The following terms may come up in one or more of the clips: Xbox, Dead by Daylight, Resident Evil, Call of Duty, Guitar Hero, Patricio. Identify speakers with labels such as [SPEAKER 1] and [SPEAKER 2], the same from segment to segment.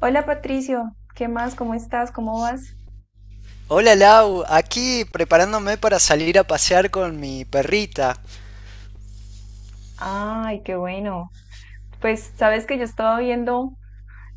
[SPEAKER 1] Hola Patricio, ¿qué más? ¿Cómo estás? ¿Cómo vas?
[SPEAKER 2] Hola Lau, aquí preparándome para salir a pasear con mi perrita.
[SPEAKER 1] Ay, qué bueno. Pues sabes que yo estaba viendo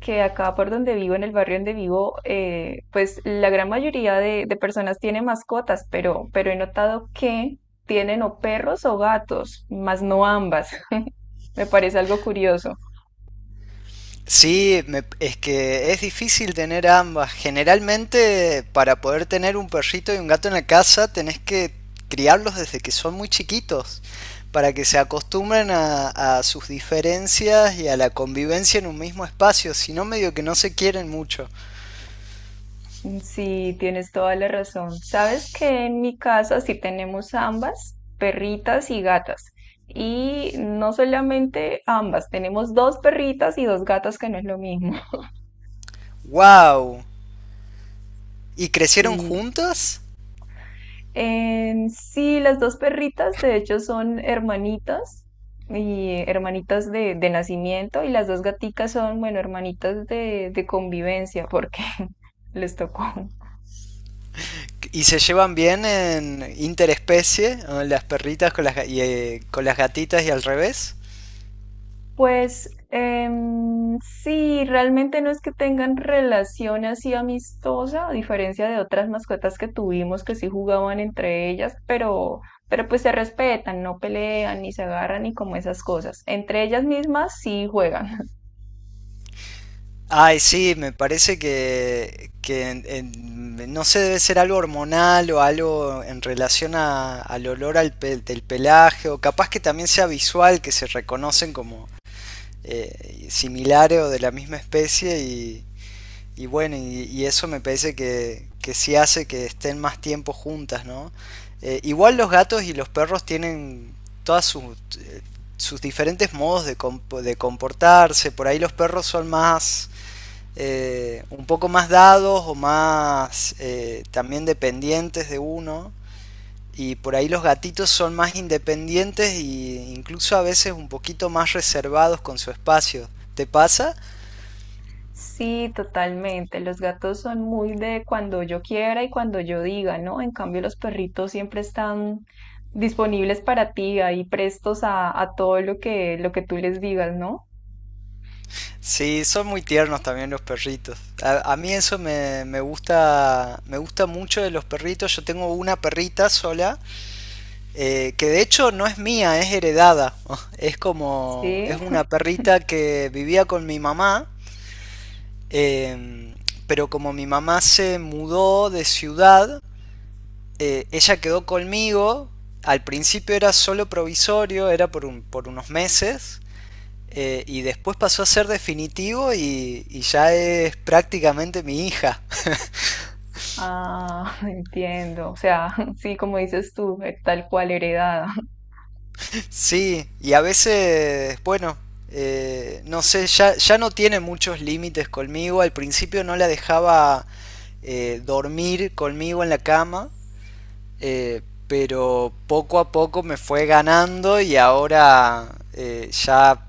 [SPEAKER 1] que acá por donde vivo, en el barrio donde vivo, pues la gran mayoría de personas tiene mascotas, pero he notado que tienen o perros o gatos, más no ambas. Me parece algo curioso.
[SPEAKER 2] Sí, es que es difícil tener ambas. Generalmente, para poder tener un perrito y un gato en la casa, tenés que criarlos desde que son muy chiquitos, para que se acostumbren a sus diferencias y a la convivencia en un mismo espacio, si no medio que no se quieren mucho.
[SPEAKER 1] Sí, tienes toda la razón. Sabes que en mi casa sí tenemos ambas, perritas y gatas. Y no solamente ambas, tenemos dos perritas y dos gatas, que no es lo mismo.
[SPEAKER 2] ¡Wow! ¿Y crecieron
[SPEAKER 1] Sí.
[SPEAKER 2] juntas?
[SPEAKER 1] En sí, las dos perritas de hecho son hermanitas y hermanitas de nacimiento, y las dos gaticas son, bueno, hermanitas de convivencia porque les tocó.
[SPEAKER 2] ¿Y se llevan bien en interespecie? ¿No? Las perritas con con las gatitas y al revés.
[SPEAKER 1] Pues sí, realmente no es que tengan relación así amistosa, a diferencia de otras mascotas que tuvimos que sí jugaban entre ellas, pero pues se respetan, no pelean, ni se agarran, ni como esas cosas. Entre ellas mismas sí juegan.
[SPEAKER 2] Ay, sí, me parece que, no sé, debe ser algo hormonal o algo en relación al olor al del pelaje o capaz que también sea visual, que se reconocen como similares o de la misma especie. Y bueno, y eso me parece que sí hace que estén más tiempo juntas, ¿no? Igual los gatos y los perros tienen todas sus, eh, sus diferentes modos de comportarse. Por ahí los perros son más, un poco más dados o más también dependientes de uno. Y por ahí los gatitos son más independientes e incluso a veces un poquito más reservados con su espacio. ¿Te pasa?
[SPEAKER 1] Sí, totalmente. Los gatos son muy de cuando yo quiera y cuando yo diga, ¿no? En cambio, los perritos siempre están disponibles para ti, ahí prestos a todo lo que tú les digas, ¿no?
[SPEAKER 2] Sí, son muy tiernos también los perritos. A mí eso me gusta mucho de los perritos. Yo tengo una perrita sola, que de hecho no es mía, es heredada. Es como, es
[SPEAKER 1] Sí.
[SPEAKER 2] una perrita que vivía con mi mamá, em, pero como mi mamá se mudó de ciudad, ella quedó conmigo. Al principio era solo provisorio, era por por unos meses. Y después pasó a ser definitivo y ya es prácticamente mi hija.
[SPEAKER 1] Ah, entiendo. O sea, sí, como dices tú, tal cual heredada.
[SPEAKER 2] Sí, y a veces, bueno, no sé, ya no tiene muchos límites conmigo. Al principio no la dejaba dormir conmigo en la cama, eh, pero poco a poco me fue ganando y ahora ya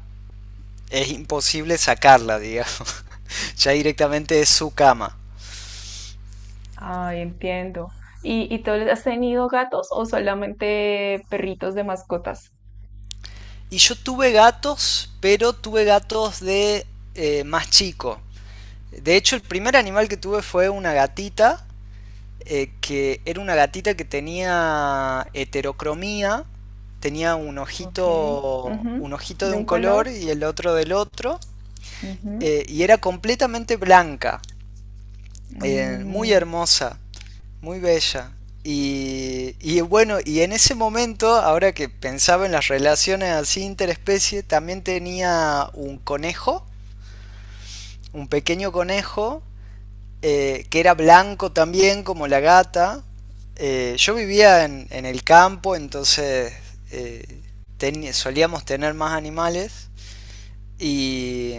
[SPEAKER 2] es imposible sacarla, digamos. Ya directamente es su cama.
[SPEAKER 1] Ay, entiendo. Y tú has tenido gatos o solamente perritos de mascotas?
[SPEAKER 2] Y yo tuve gatos, pero tuve gatos de más chico. De hecho, el primer animal que tuve fue una gatita, que era una gatita que tenía heterocromía, tenía
[SPEAKER 1] Ok. Ujú.
[SPEAKER 2] un ojito de
[SPEAKER 1] ¿De
[SPEAKER 2] un
[SPEAKER 1] un color?
[SPEAKER 2] color y el otro del otro,
[SPEAKER 1] Ujú.
[SPEAKER 2] y era completamente blanca, muy
[SPEAKER 1] Mm,
[SPEAKER 2] hermosa. Muy bella. Y bueno, y en ese momento, ahora que pensaba en las relaciones así interespecie, también tenía un conejo, un pequeño conejo, que era blanco también, como la gata. Yo vivía en, el campo, entonces eh, solíamos tener más animales. Y,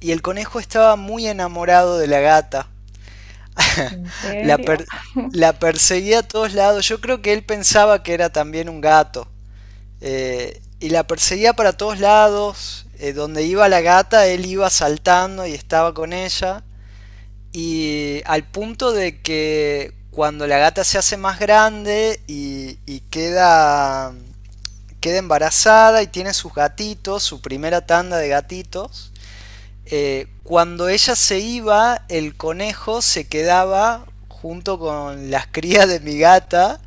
[SPEAKER 2] y el conejo estaba muy enamorado de la gata.
[SPEAKER 1] ¿en
[SPEAKER 2] La,
[SPEAKER 1] serio?
[SPEAKER 2] per- la perseguía a todos lados. Yo creo que él pensaba que era también un gato. Y la perseguía para todos lados. Donde iba la gata, él iba saltando y estaba con ella. Y al punto de que cuando la gata se hace más grande y queda, queda embarazada y tiene sus gatitos, su primera tanda de gatitos, cuando ella se iba, el conejo se quedaba junto con las crías de mi gata.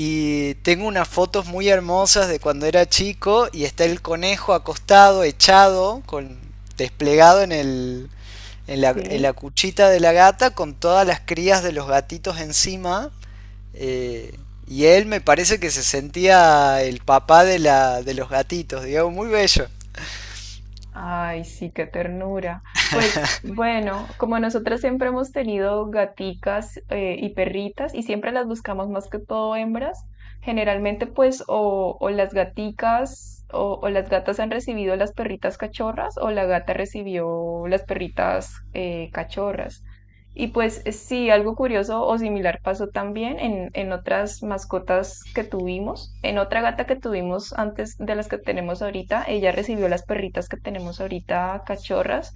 [SPEAKER 2] Y tengo unas fotos muy hermosas de cuando era chico y está el conejo acostado, echado, con, desplegado en en la
[SPEAKER 1] Sí.
[SPEAKER 2] cuchita de la gata con todas las crías de los gatitos encima. eh, y él me parece que se sentía el papá de los gatitos, digamos, muy bello.
[SPEAKER 1] Ay, sí, qué ternura. Pues bueno, como nosotras siempre hemos tenido gaticas y perritas y siempre las buscamos más que todo hembras, generalmente pues o las gaticas o las gatas han recibido las perritas cachorras, o la gata recibió las perritas cachorras. Y pues sí, algo curioso o similar pasó también en otras mascotas que tuvimos. En otra gata que tuvimos antes de las que tenemos ahorita, ella recibió las perritas que tenemos ahorita, cachorras,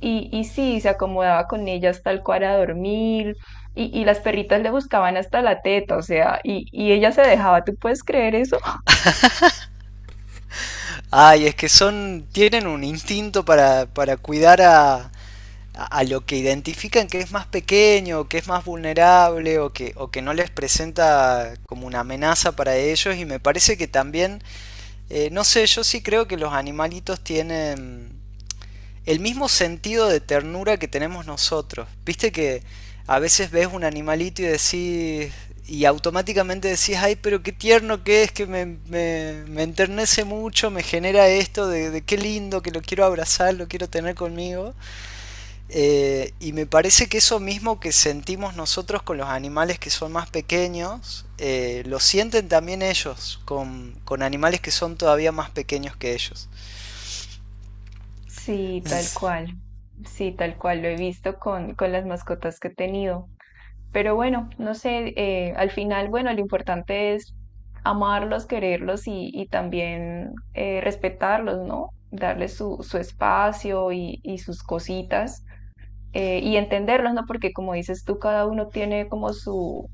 [SPEAKER 1] y sí, se acomodaba con ellas tal cual a dormir, y las perritas le buscaban hasta la teta, o sea, y ella se dejaba, ¿tú puedes creer eso?
[SPEAKER 2] Ay, es que son, tienen un instinto para cuidar a, a lo que identifican que es más pequeño, o que es más vulnerable o que no les presenta como una amenaza para ellos. Y me parece que también, no sé, yo sí creo que los animalitos tienen el mismo sentido de ternura que tenemos nosotros. Viste que a veces ves un animalito y decís, y automáticamente decís, ay, pero qué tierno que es, que me enternece mucho, me genera esto de qué lindo, que lo quiero abrazar, lo quiero tener conmigo. Y me parece que eso mismo que sentimos nosotros con los animales que son más pequeños, lo sienten también ellos con animales que son todavía más pequeños que ellos.
[SPEAKER 1] Sí, tal cual. Sí, tal cual lo he visto con las mascotas que he tenido. Pero bueno, no sé, al final, bueno, lo importante es amarlos, quererlos y también respetarlos, ¿no? Darles su, su espacio y sus cositas y entenderlos, ¿no? Porque como dices tú, cada uno tiene como su,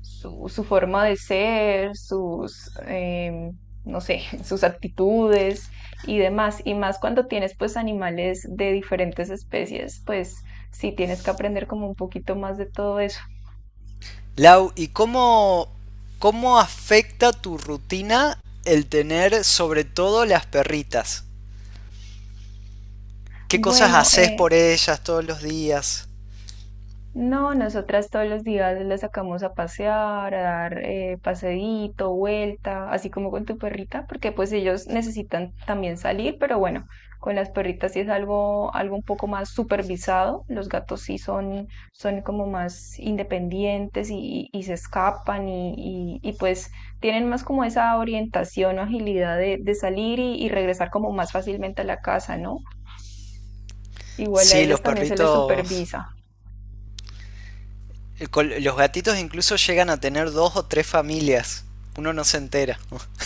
[SPEAKER 1] su forma de ser, sus, no sé, sus actitudes y demás. Y más cuando tienes pues animales de diferentes especies, pues sí tienes que aprender como un poquito más de todo eso.
[SPEAKER 2] Lau, ¿y cómo, cómo afecta tu rutina el tener sobre todo las perritas? ¿Qué cosas
[SPEAKER 1] Bueno,
[SPEAKER 2] haces por ellas todos los días?
[SPEAKER 1] no, nosotras todos los días la sacamos a pasear, a dar paseíto, vuelta, así como con tu perrita, porque pues ellos necesitan también salir, pero bueno, con las perritas sí es algo, algo un poco más supervisado. Los gatos sí son, son como más independientes y, y se escapan y, y, pues tienen más como esa orientación o agilidad de salir y regresar como más fácilmente a la casa, ¿no? Igual a
[SPEAKER 2] Sí,
[SPEAKER 1] ellas
[SPEAKER 2] los
[SPEAKER 1] también se les
[SPEAKER 2] perritos,
[SPEAKER 1] supervisa.
[SPEAKER 2] los gatitos incluso llegan a tener dos o tres familias. Uno no se entera.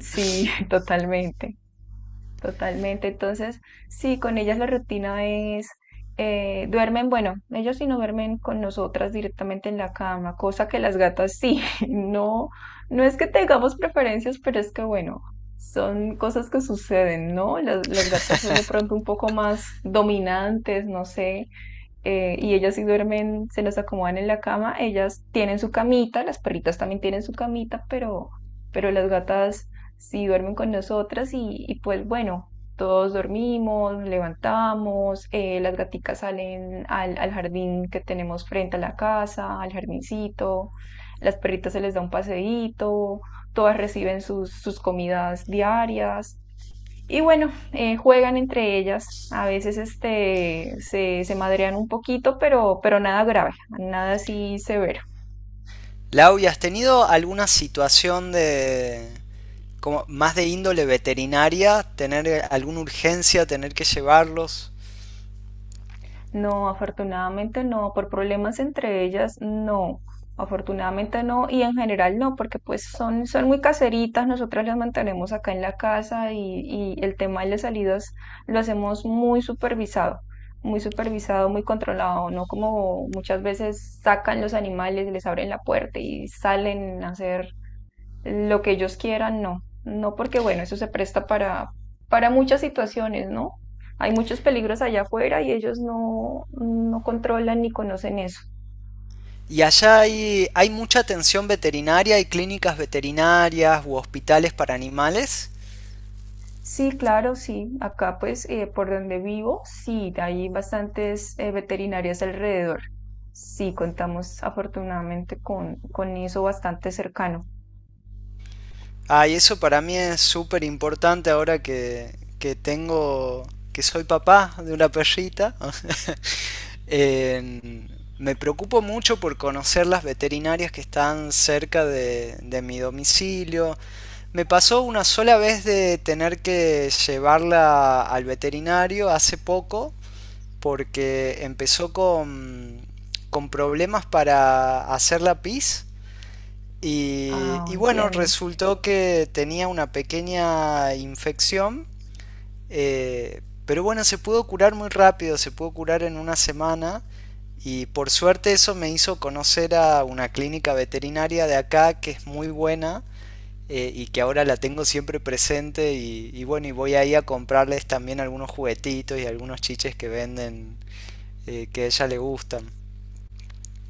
[SPEAKER 1] Sí, totalmente, totalmente. Entonces, sí, con ellas la rutina es, duermen, bueno, ellos sí no duermen con nosotras directamente en la cama, cosa que las gatas sí, no, no es que tengamos preferencias, pero es que bueno, son cosas que suceden, ¿no? Las gatas son de pronto un poco más dominantes, no sé, y ellas sí duermen, se las acomodan en la cama, ellas tienen su camita, las perritas también tienen su camita, pero las gatas sí duermen con nosotras y pues bueno, todos dormimos, nos levantamos, las gaticas salen al, al jardín que tenemos frente a la casa, al jardincito, las perritas se les da un paseíto, todas reciben sus, sus comidas diarias. Y bueno, juegan entre ellas. A veces este, se madrean un poquito, pero nada grave, nada así severo.
[SPEAKER 2] Lau, ¿y has tenido alguna situación de como más de índole veterinaria, tener alguna urgencia, tener que llevarlos?
[SPEAKER 1] No, afortunadamente no. Por problemas entre ellas, no. Afortunadamente no. Y en general no, porque pues son, son muy caseritas. Nosotras las mantenemos acá en la casa y el tema de las salidas lo hacemos muy supervisado. Muy supervisado, muy controlado, no como muchas veces sacan los animales, les abren la puerta y salen a hacer lo que ellos quieran, no. No porque, bueno, eso se presta para muchas situaciones, ¿no? Hay muchos peligros allá afuera y ellos no, no controlan ni conocen eso.
[SPEAKER 2] Y allá hay, hay mucha atención veterinaria, hay clínicas veterinarias u hospitales para animales.
[SPEAKER 1] Sí, claro, sí. Acá, pues, por donde vivo, sí, hay bastantes veterinarias alrededor. Sí, contamos afortunadamente con eso bastante cercano.
[SPEAKER 2] Ah, y eso para mí es súper importante ahora que tengo, que soy papá de una perrita. Eh, Me preocupo mucho por conocer las veterinarias que están cerca de mi domicilio. Me pasó una sola vez de tener que llevarla al veterinario hace poco porque empezó con problemas para hacer la pis
[SPEAKER 1] Ah,
[SPEAKER 2] y bueno,
[SPEAKER 1] entiendo.
[SPEAKER 2] resultó que tenía una pequeña infección, eh, pero bueno, se pudo curar muy rápido, se pudo curar en una semana y por suerte eso me hizo conocer a una clínica veterinaria de acá que es muy buena. Y que ahora la tengo siempre presente y bueno, y voy ahí a comprarles también algunos juguetitos y algunos chiches que venden que a ella le gustan.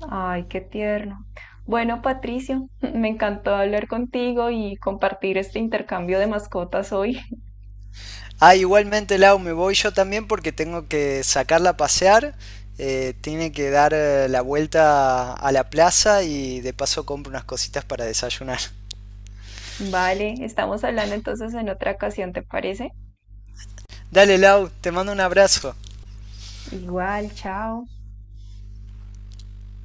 [SPEAKER 1] Ay, qué tierno. Bueno, Patricio, me encantó hablar contigo y compartir este intercambio de mascotas hoy.
[SPEAKER 2] Ah, igualmente Lau, me voy yo también porque tengo que sacarla a pasear. Tiene que dar la vuelta a la plaza y de paso compro unas cositas para desayunar.
[SPEAKER 1] Vale, estamos hablando entonces en otra ocasión, ¿te parece?
[SPEAKER 2] Dale Lau, te mando un abrazo.
[SPEAKER 1] Igual, chao.